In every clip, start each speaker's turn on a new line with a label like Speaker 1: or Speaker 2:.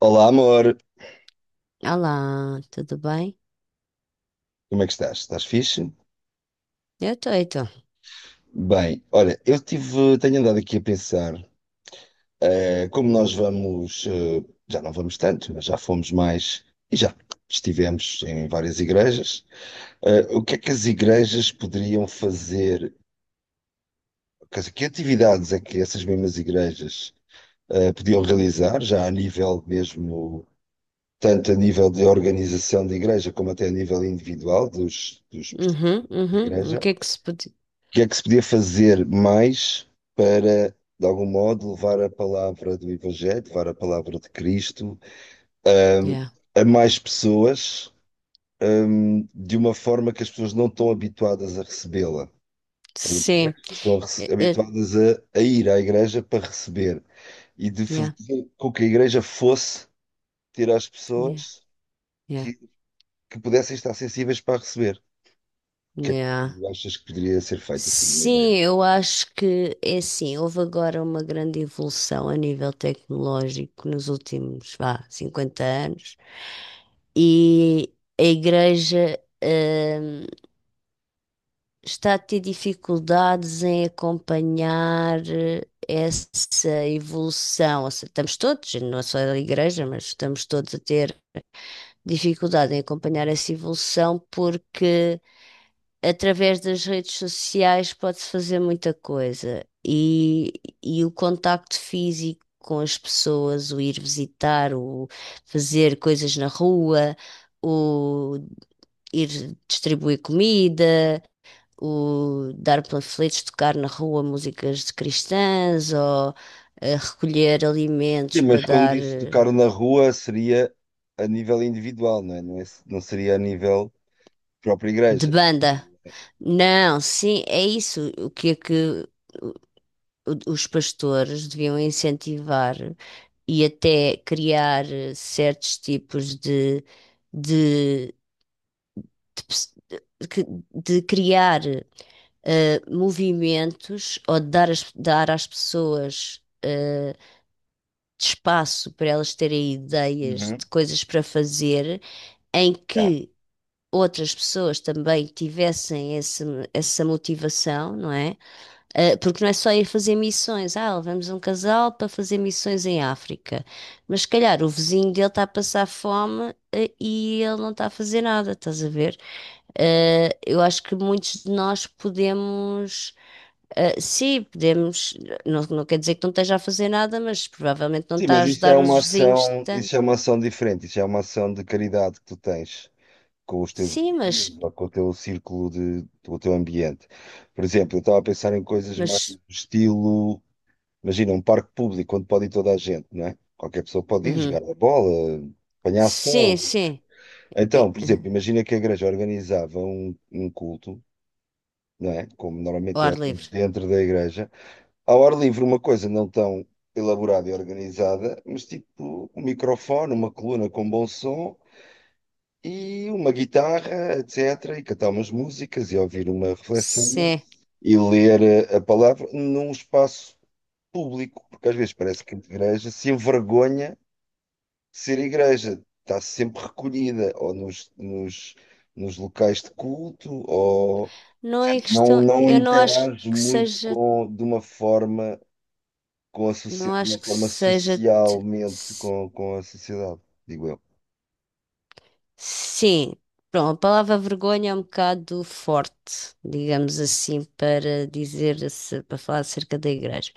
Speaker 1: Olá, amor.
Speaker 2: Olá, tudo bem?
Speaker 1: Como é que estás? Estás fixe?
Speaker 2: Eu tô.
Speaker 1: Bem, olha, tenho andado aqui a pensar, como nós vamos, já não vamos tanto, mas já fomos mais e já estivemos em várias igrejas. O que é que as igrejas poderiam fazer? Quer dizer, que atividades é que essas mesmas igrejas podiam realizar, já a nível mesmo, tanto a nível de organização de igreja como até a nível individual dos participantes
Speaker 2: Uhum,
Speaker 1: da
Speaker 2: uhum. O
Speaker 1: igreja?
Speaker 2: que é que se pode...
Speaker 1: O que é que se podia fazer mais para, de algum modo, levar a palavra do Evangelho, levar a palavra de Cristo, hum,
Speaker 2: Yeah.
Speaker 1: a mais pessoas, de uma forma que as pessoas não estão habituadas a recebê-la?
Speaker 2: Sim.
Speaker 1: As pessoas
Speaker 2: Eh, eh,
Speaker 1: habituadas a ir à igreja para receber e de
Speaker 2: Yeah,
Speaker 1: fazer com que a igreja fosse ter às
Speaker 2: yeah,
Speaker 1: pessoas
Speaker 2: yeah,
Speaker 1: que, que pudessem estar sensíveis para receber. O que é que
Speaker 2: yeah.
Speaker 1: tu achas que poderia ser feito assim?
Speaker 2: Sim, eu acho que é assim, houve agora uma grande evolução a nível tecnológico nos últimos, vá, 50 anos. E a igreja, hum, está a ter dificuldades em acompanhar essa evolução. Ou seja, estamos todos, não é só a igreja, mas estamos todos a ter dificuldade em acompanhar essa evolução porque através das redes sociais pode-se fazer muita coisa e o contacto físico. Com as pessoas, o ir visitar, o fazer coisas na rua, o ir distribuir comida, o dar panfletos, tocar na rua músicas de cristãs ou recolher alimentos
Speaker 1: Sim,
Speaker 2: para
Speaker 1: mas quando
Speaker 2: dar
Speaker 1: dizes tocar na rua seria a nível individual, não é? Não seria a nível própria
Speaker 2: de
Speaker 1: igreja.
Speaker 2: banda. Não, sim, é isso. O que é que o- os pastores deviam incentivar e até criar certos tipos de, de pes- de- que- de criar movimentos ou de dar, dar às pessoas, de espaço para elas terem ideias
Speaker 1: Uhum.
Speaker 2: de coisas para fazer, em
Speaker 1: Já.
Speaker 2: que outras pessoas também tivessem esse, essa motivação, não é? Porque não é só ir fazer missões. Levamos um casal para fazer missões em África. Mas se calhar o vizinho dele está a passar fome, e ele não está a fazer nada, estás a ver? Eu acho que muitos de nós podemos sim, podemos, não, não quer dizer que não esteja a fazer nada, mas provavelmente não
Speaker 1: Sim,
Speaker 2: está a
Speaker 1: mas isso é
Speaker 2: ajudar os
Speaker 1: uma
Speaker 2: vizinhos
Speaker 1: ação,
Speaker 2: tanto.
Speaker 1: isso é uma ação diferente, isso é uma ação de caridade que tu tens com os teus
Speaker 2: Sim,
Speaker 1: vizinhos ou com o teu círculo com o teu ambiente. Por exemplo, eu estava a pensar em coisas mais do
Speaker 2: mas,
Speaker 1: estilo, imagina, um parque público onde pode ir toda a gente, não é? Qualquer pessoa pode ir
Speaker 2: uhum.
Speaker 1: jogar a bola, apanhar
Speaker 2: Sim,
Speaker 1: sol.
Speaker 2: sim, é,
Speaker 1: Então, por
Speaker 2: uhum.
Speaker 1: exemplo, imagina que a igreja organizava um culto, não é? Como
Speaker 2: Ao
Speaker 1: normalmente
Speaker 2: ar
Speaker 1: é feito
Speaker 2: livre.
Speaker 1: dentro da igreja. Ao ar livre, uma coisa não tão elaborada e organizada, mas tipo um microfone, uma coluna com bom som e uma guitarra, etc. E cantar umas músicas e ouvir uma reflexão
Speaker 2: Sim,
Speaker 1: e ler a palavra num espaço público, porque às vezes parece que a igreja se envergonha ser igreja, está sempre recolhida ou nos locais de culto ou
Speaker 2: não é
Speaker 1: portanto,
Speaker 2: questão,
Speaker 1: não
Speaker 2: eu não acho
Speaker 1: interage
Speaker 2: que
Speaker 1: muito
Speaker 2: seja,
Speaker 1: com, de uma forma com a
Speaker 2: não
Speaker 1: sociedade, de uma
Speaker 2: acho que
Speaker 1: forma
Speaker 2: seja,
Speaker 1: socialmente com a sociedade, digo eu.
Speaker 2: sim, pronto, a palavra vergonha é um bocado forte, digamos assim, para dizer, para falar acerca da igreja.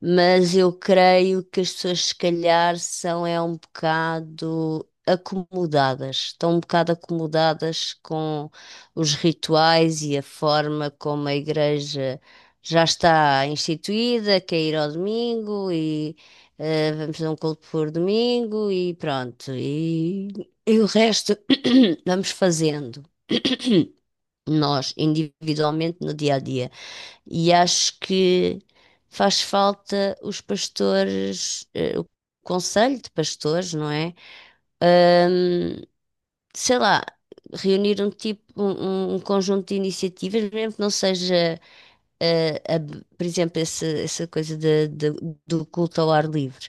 Speaker 2: Mas eu creio que as pessoas, se calhar, são é um bocado acomodadas, estão um bocado acomodadas com os rituais e a forma como a igreja já está instituída, que é ir ao domingo e vamos a um culto por domingo e pronto. E o resto vamos fazendo nós individualmente no dia a dia. E acho que faz falta os pastores, o conselho de pastores, não é? Ahm, Sei lá, reunir um tipo, um conjunto de iniciativas, mesmo que não seja eh, a- por exemplo, essa coisa do culto ao ar livre.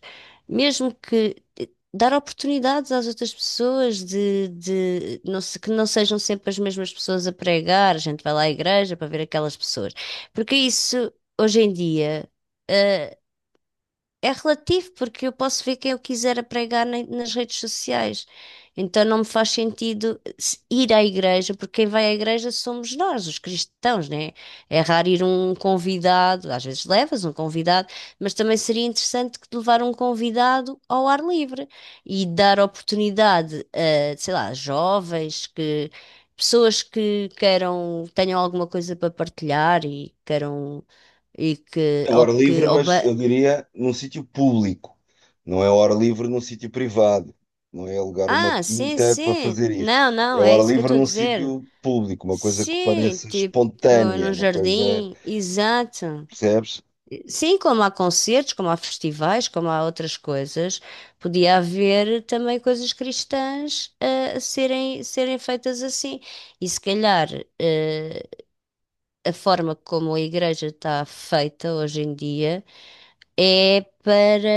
Speaker 2: Mesmo que dar oportunidades às outras pessoas de, que não sejam sempre as mesmas pessoas a pregar, a gente vai lá à igreja para ver aquelas pessoas. Porque isso, hoje em dia, eh, é relativo, porque eu posso ver quem eu quiser a pregar nas redes sociais. Então não me faz sentido ir à igreja, porque quem vai à igreja somos nós, os cristãos, né? É raro ir um convidado, às vezes levas um convidado, mas também seria interessante que te levar um convidado ao ar livre e dar oportunidade a, sei lá, jovens que. Pessoas que queiram, tenham alguma coisa para partilhar e queiram e que
Speaker 1: É
Speaker 2: ou
Speaker 1: hora
Speaker 2: que
Speaker 1: livre, mas eu diria num sítio público. Não é hora livre num sítio privado. Não é alugar uma
Speaker 2: ah, sim,
Speaker 1: quinta para
Speaker 2: sim.
Speaker 1: fazer isso.
Speaker 2: Não,
Speaker 1: É
Speaker 2: não, é
Speaker 1: hora
Speaker 2: isso que eu
Speaker 1: livre
Speaker 2: estou a
Speaker 1: num
Speaker 2: dizer.
Speaker 1: sítio público, uma coisa que
Speaker 2: Sim,
Speaker 1: pareça
Speaker 2: tipo,
Speaker 1: espontânea,
Speaker 2: no
Speaker 1: uma coisa,
Speaker 2: jardim, exato.
Speaker 1: percebes?
Speaker 2: Sim, como há concertos, como há festivais, como há outras coisas, podia haver também coisas cristãs a serem feitas assim. E se calhar eh, a forma como a igreja está feita hoje em dia é para.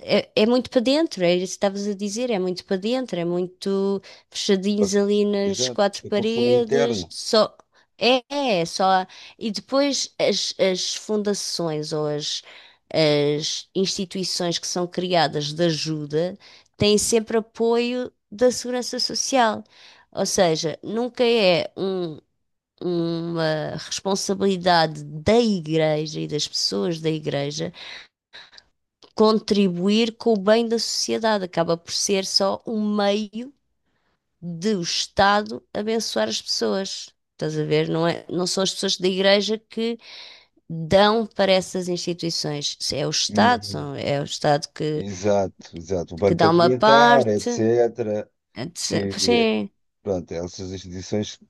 Speaker 2: É, é muito para dentro, é isso que estavas a dizer, é muito para dentro, é muito fechadinhos ali nas
Speaker 1: Exato,
Speaker 2: quatro
Speaker 1: o consumo interno.
Speaker 2: paredes, só. É só. E depois as, as fundações ou as instituições que são criadas de ajuda têm sempre apoio da Segurança Social. Ou seja, nunca é um- uma responsabilidade da igreja e das pessoas da igreja contribuir com o bem da sociedade. Acaba por ser só um meio de o Estado abençoar as pessoas. Estás a ver? Não é, não são as pessoas da igreja que dão para essas instituições. É o Estado,
Speaker 1: Uhum.
Speaker 2: é o Estado
Speaker 1: Exato, exato. O
Speaker 2: que
Speaker 1: Banco
Speaker 2: dá uma
Speaker 1: Alimentar,
Speaker 2: parte.
Speaker 1: etc.
Speaker 2: Pois
Speaker 1: Que,
Speaker 2: é,
Speaker 1: pronto, essas instituições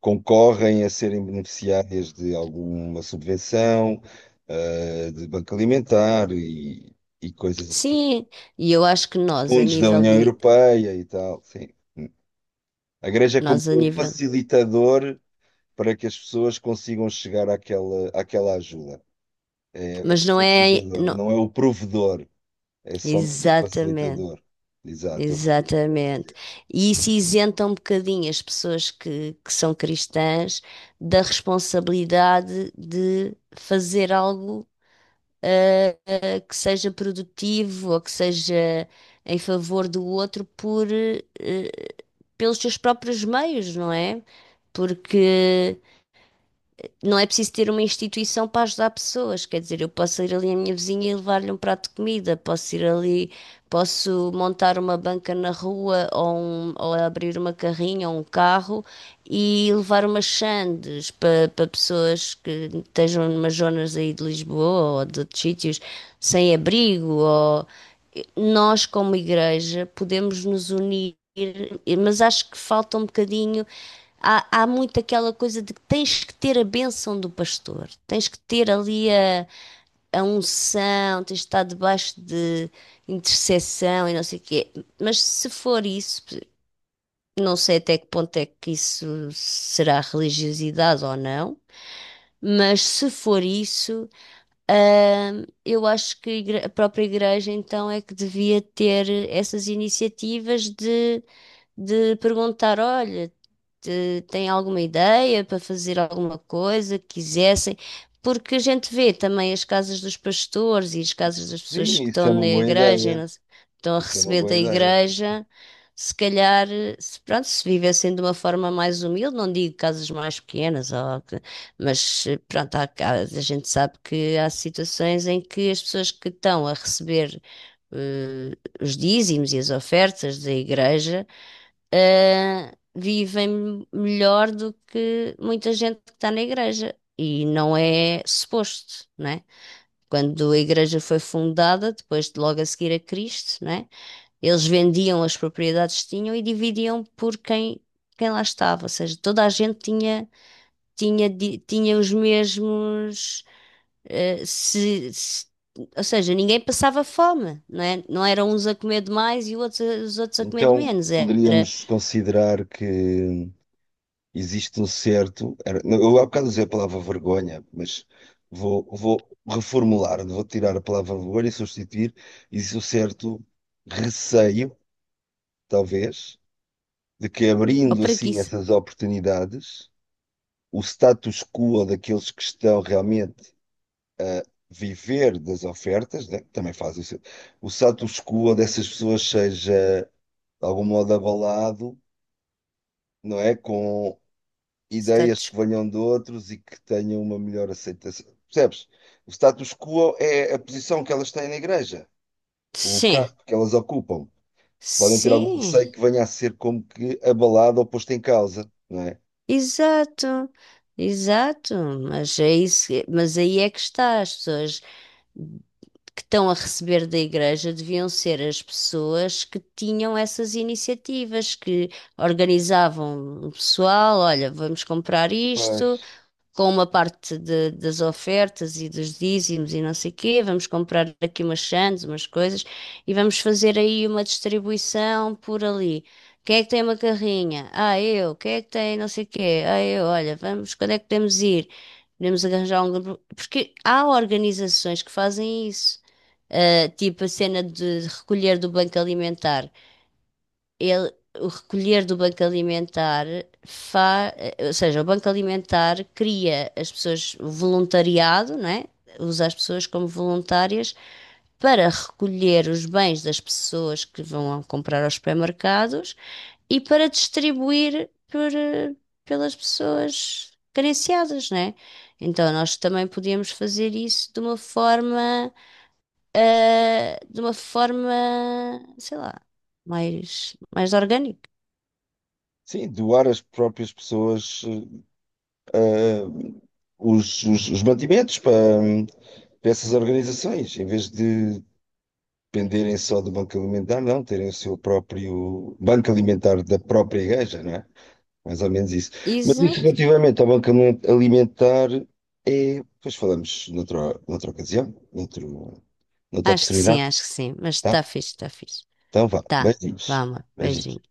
Speaker 1: concorrem a serem beneficiárias de alguma subvenção, ah, de Banco Alimentar e coisas, assim.
Speaker 2: sim. E eu acho que nós, a
Speaker 1: Fundos da
Speaker 2: nível
Speaker 1: União
Speaker 2: de.
Speaker 1: Europeia e tal. Sim. A Igreja é como
Speaker 2: Nós, a
Speaker 1: o
Speaker 2: nível.
Speaker 1: facilitador para que as pessoas consigam chegar àquela ajuda. É, é
Speaker 2: Mas não é.
Speaker 1: facilitador,
Speaker 2: Não,
Speaker 1: não é o provedor. É somente o
Speaker 2: exatamente.
Speaker 1: facilitador. Exato, estou a perceber o que estás a
Speaker 2: Exatamente.
Speaker 1: dizer.
Speaker 2: E isso isenta um bocadinho as pessoas que são cristãs da responsabilidade de fazer algo ah, que seja produtivo ou que seja em favor do outro por, pelos seus próprios meios, não é? Porque não é preciso ter uma instituição para ajudar pessoas. Quer dizer, eu posso ir ali à minha vizinha e levar-lhe um prato de comida, posso ir ali, posso montar uma banca na rua ou, ou abrir uma carrinha ou um carro e levar umas sandes para pessoas que estejam numas zonas aí de Lisboa ou de outros sítios sem abrigo ou nós, como igreja, podemos nos unir, mas acho que falta um bocadinho. Há, há muito aquela coisa de que tens que ter a bênção do pastor, tens que ter ali a unção, tens de estar debaixo de intercessão e não sei o quê. Mas se for isso, não sei até que ponto é que isso será religiosidade ou não, mas se for isso, eu acho que a própria igreja então é que devia ter essas iniciativas de perguntar, olha têm alguma ideia para fazer alguma coisa que quisessem, porque a gente vê também as casas dos pastores e as casas das
Speaker 1: Sim,
Speaker 2: pessoas que
Speaker 1: isso
Speaker 2: estão
Speaker 1: é uma
Speaker 2: na
Speaker 1: boa
Speaker 2: igreja, e
Speaker 1: ideia.
Speaker 2: estão a
Speaker 1: Isso é uma
Speaker 2: receber
Speaker 1: boa
Speaker 2: da
Speaker 1: ideia.
Speaker 2: igreja. Se calhar, se, pronto, se vivessem de uma forma mais humilde, não digo casas mais pequenas, mas pronto, há, a gente sabe que há situações em que as pessoas que estão a receber os dízimos e as ofertas da igreja vivem melhor do que muita gente que está na igreja. E não é suposto, né? Quando a igreja foi fundada, depois de logo a seguir a Cristo, né? Eles vendiam as propriedades que tinham e dividiam por quem, quem lá estava. Ou seja, toda a gente tinha, tinha, tinha os mesmos, eh, se, se- ou seja, ninguém passava fome, não é? Não eram uns a comer de mais e outros, os outros a comer de
Speaker 1: Então,
Speaker 2: menos. Era,
Speaker 1: poderíamos considerar que existe um certo. Era- não, Eu há bocado usei a palavra vergonha, mas vou reformular, vou tirar a palavra vergonha e substituir. Existe um certo receio, talvez, de que
Speaker 2: ou
Speaker 1: abrindo assim essas oportunidades, o status quo daqueles que estão realmente viver das ofertas, né? Também faz isso. O status quo dessas pessoas seja, de algum modo, abalado, não é? Com
Speaker 2: Está
Speaker 1: ideias que
Speaker 2: discu-
Speaker 1: venham de outros e que tenham uma melhor aceitação. Percebes? O status quo é a posição que elas têm na igreja, o lugar
Speaker 2: sim,
Speaker 1: que elas ocupam. Podem ter algum
Speaker 2: sim,
Speaker 1: receio que venha a ser como que abalado ou posto em causa, não é?
Speaker 2: exato, exato. Mas é isso, mas aí é que está. As pessoas que estão a receber da igreja deviam ser as pessoas que tinham essas iniciativas, que organizavam o pessoal, olha, vamos comprar isto,
Speaker 1: Mas,
Speaker 2: com uma parte das ofertas e dos dízimos e não sei quê. Vamos comprar aqui umas sandes, umas coisas e vamos fazer aí uma distribuição por ali. Quem é que tem uma carrinha? Ah, eu. Quem é que tem não sei quê? Ah, eu. Olha, vamos, quando é que podemos ir? Podemos arranjar um grupo. Porque há organizações que fazem isso. Ah, tipo a cena de recolher do banco alimentar ele, o recolher do banco alimentar fa, ou seja, o banco alimentar cria as pessoas o voluntariado, não é? Usa as pessoas como voluntárias para recolher os bens das pessoas que vão comprar aos supermercados e para distribuir por, pelas pessoas carenciadas, não é? Então nós também podíamos fazer isso de uma forma, eh, de uma forma, sei lá, mais orgânica.
Speaker 1: sim, doar as próprias pessoas eh, os mantimentos para, hum, para essas organizações, em vez de dependerem só do Banco Alimentar, não, terem o seu próprio Banco Alimentar da própria igreja, não é? Mais ou menos isso. Mas isso
Speaker 2: Exato.
Speaker 1: relativamente ao Banco Alimentar é. Depois falamos noutra ocasião, noutra
Speaker 2: Acho que sim,
Speaker 1: oportunidade,
Speaker 2: acho que sim. Mas
Speaker 1: tá?
Speaker 2: está fixe.
Speaker 1: Então vá,
Speaker 2: Tá.
Speaker 1: beijinhos.
Speaker 2: Vamos
Speaker 1: Beijinhos.
Speaker 2: beijinho.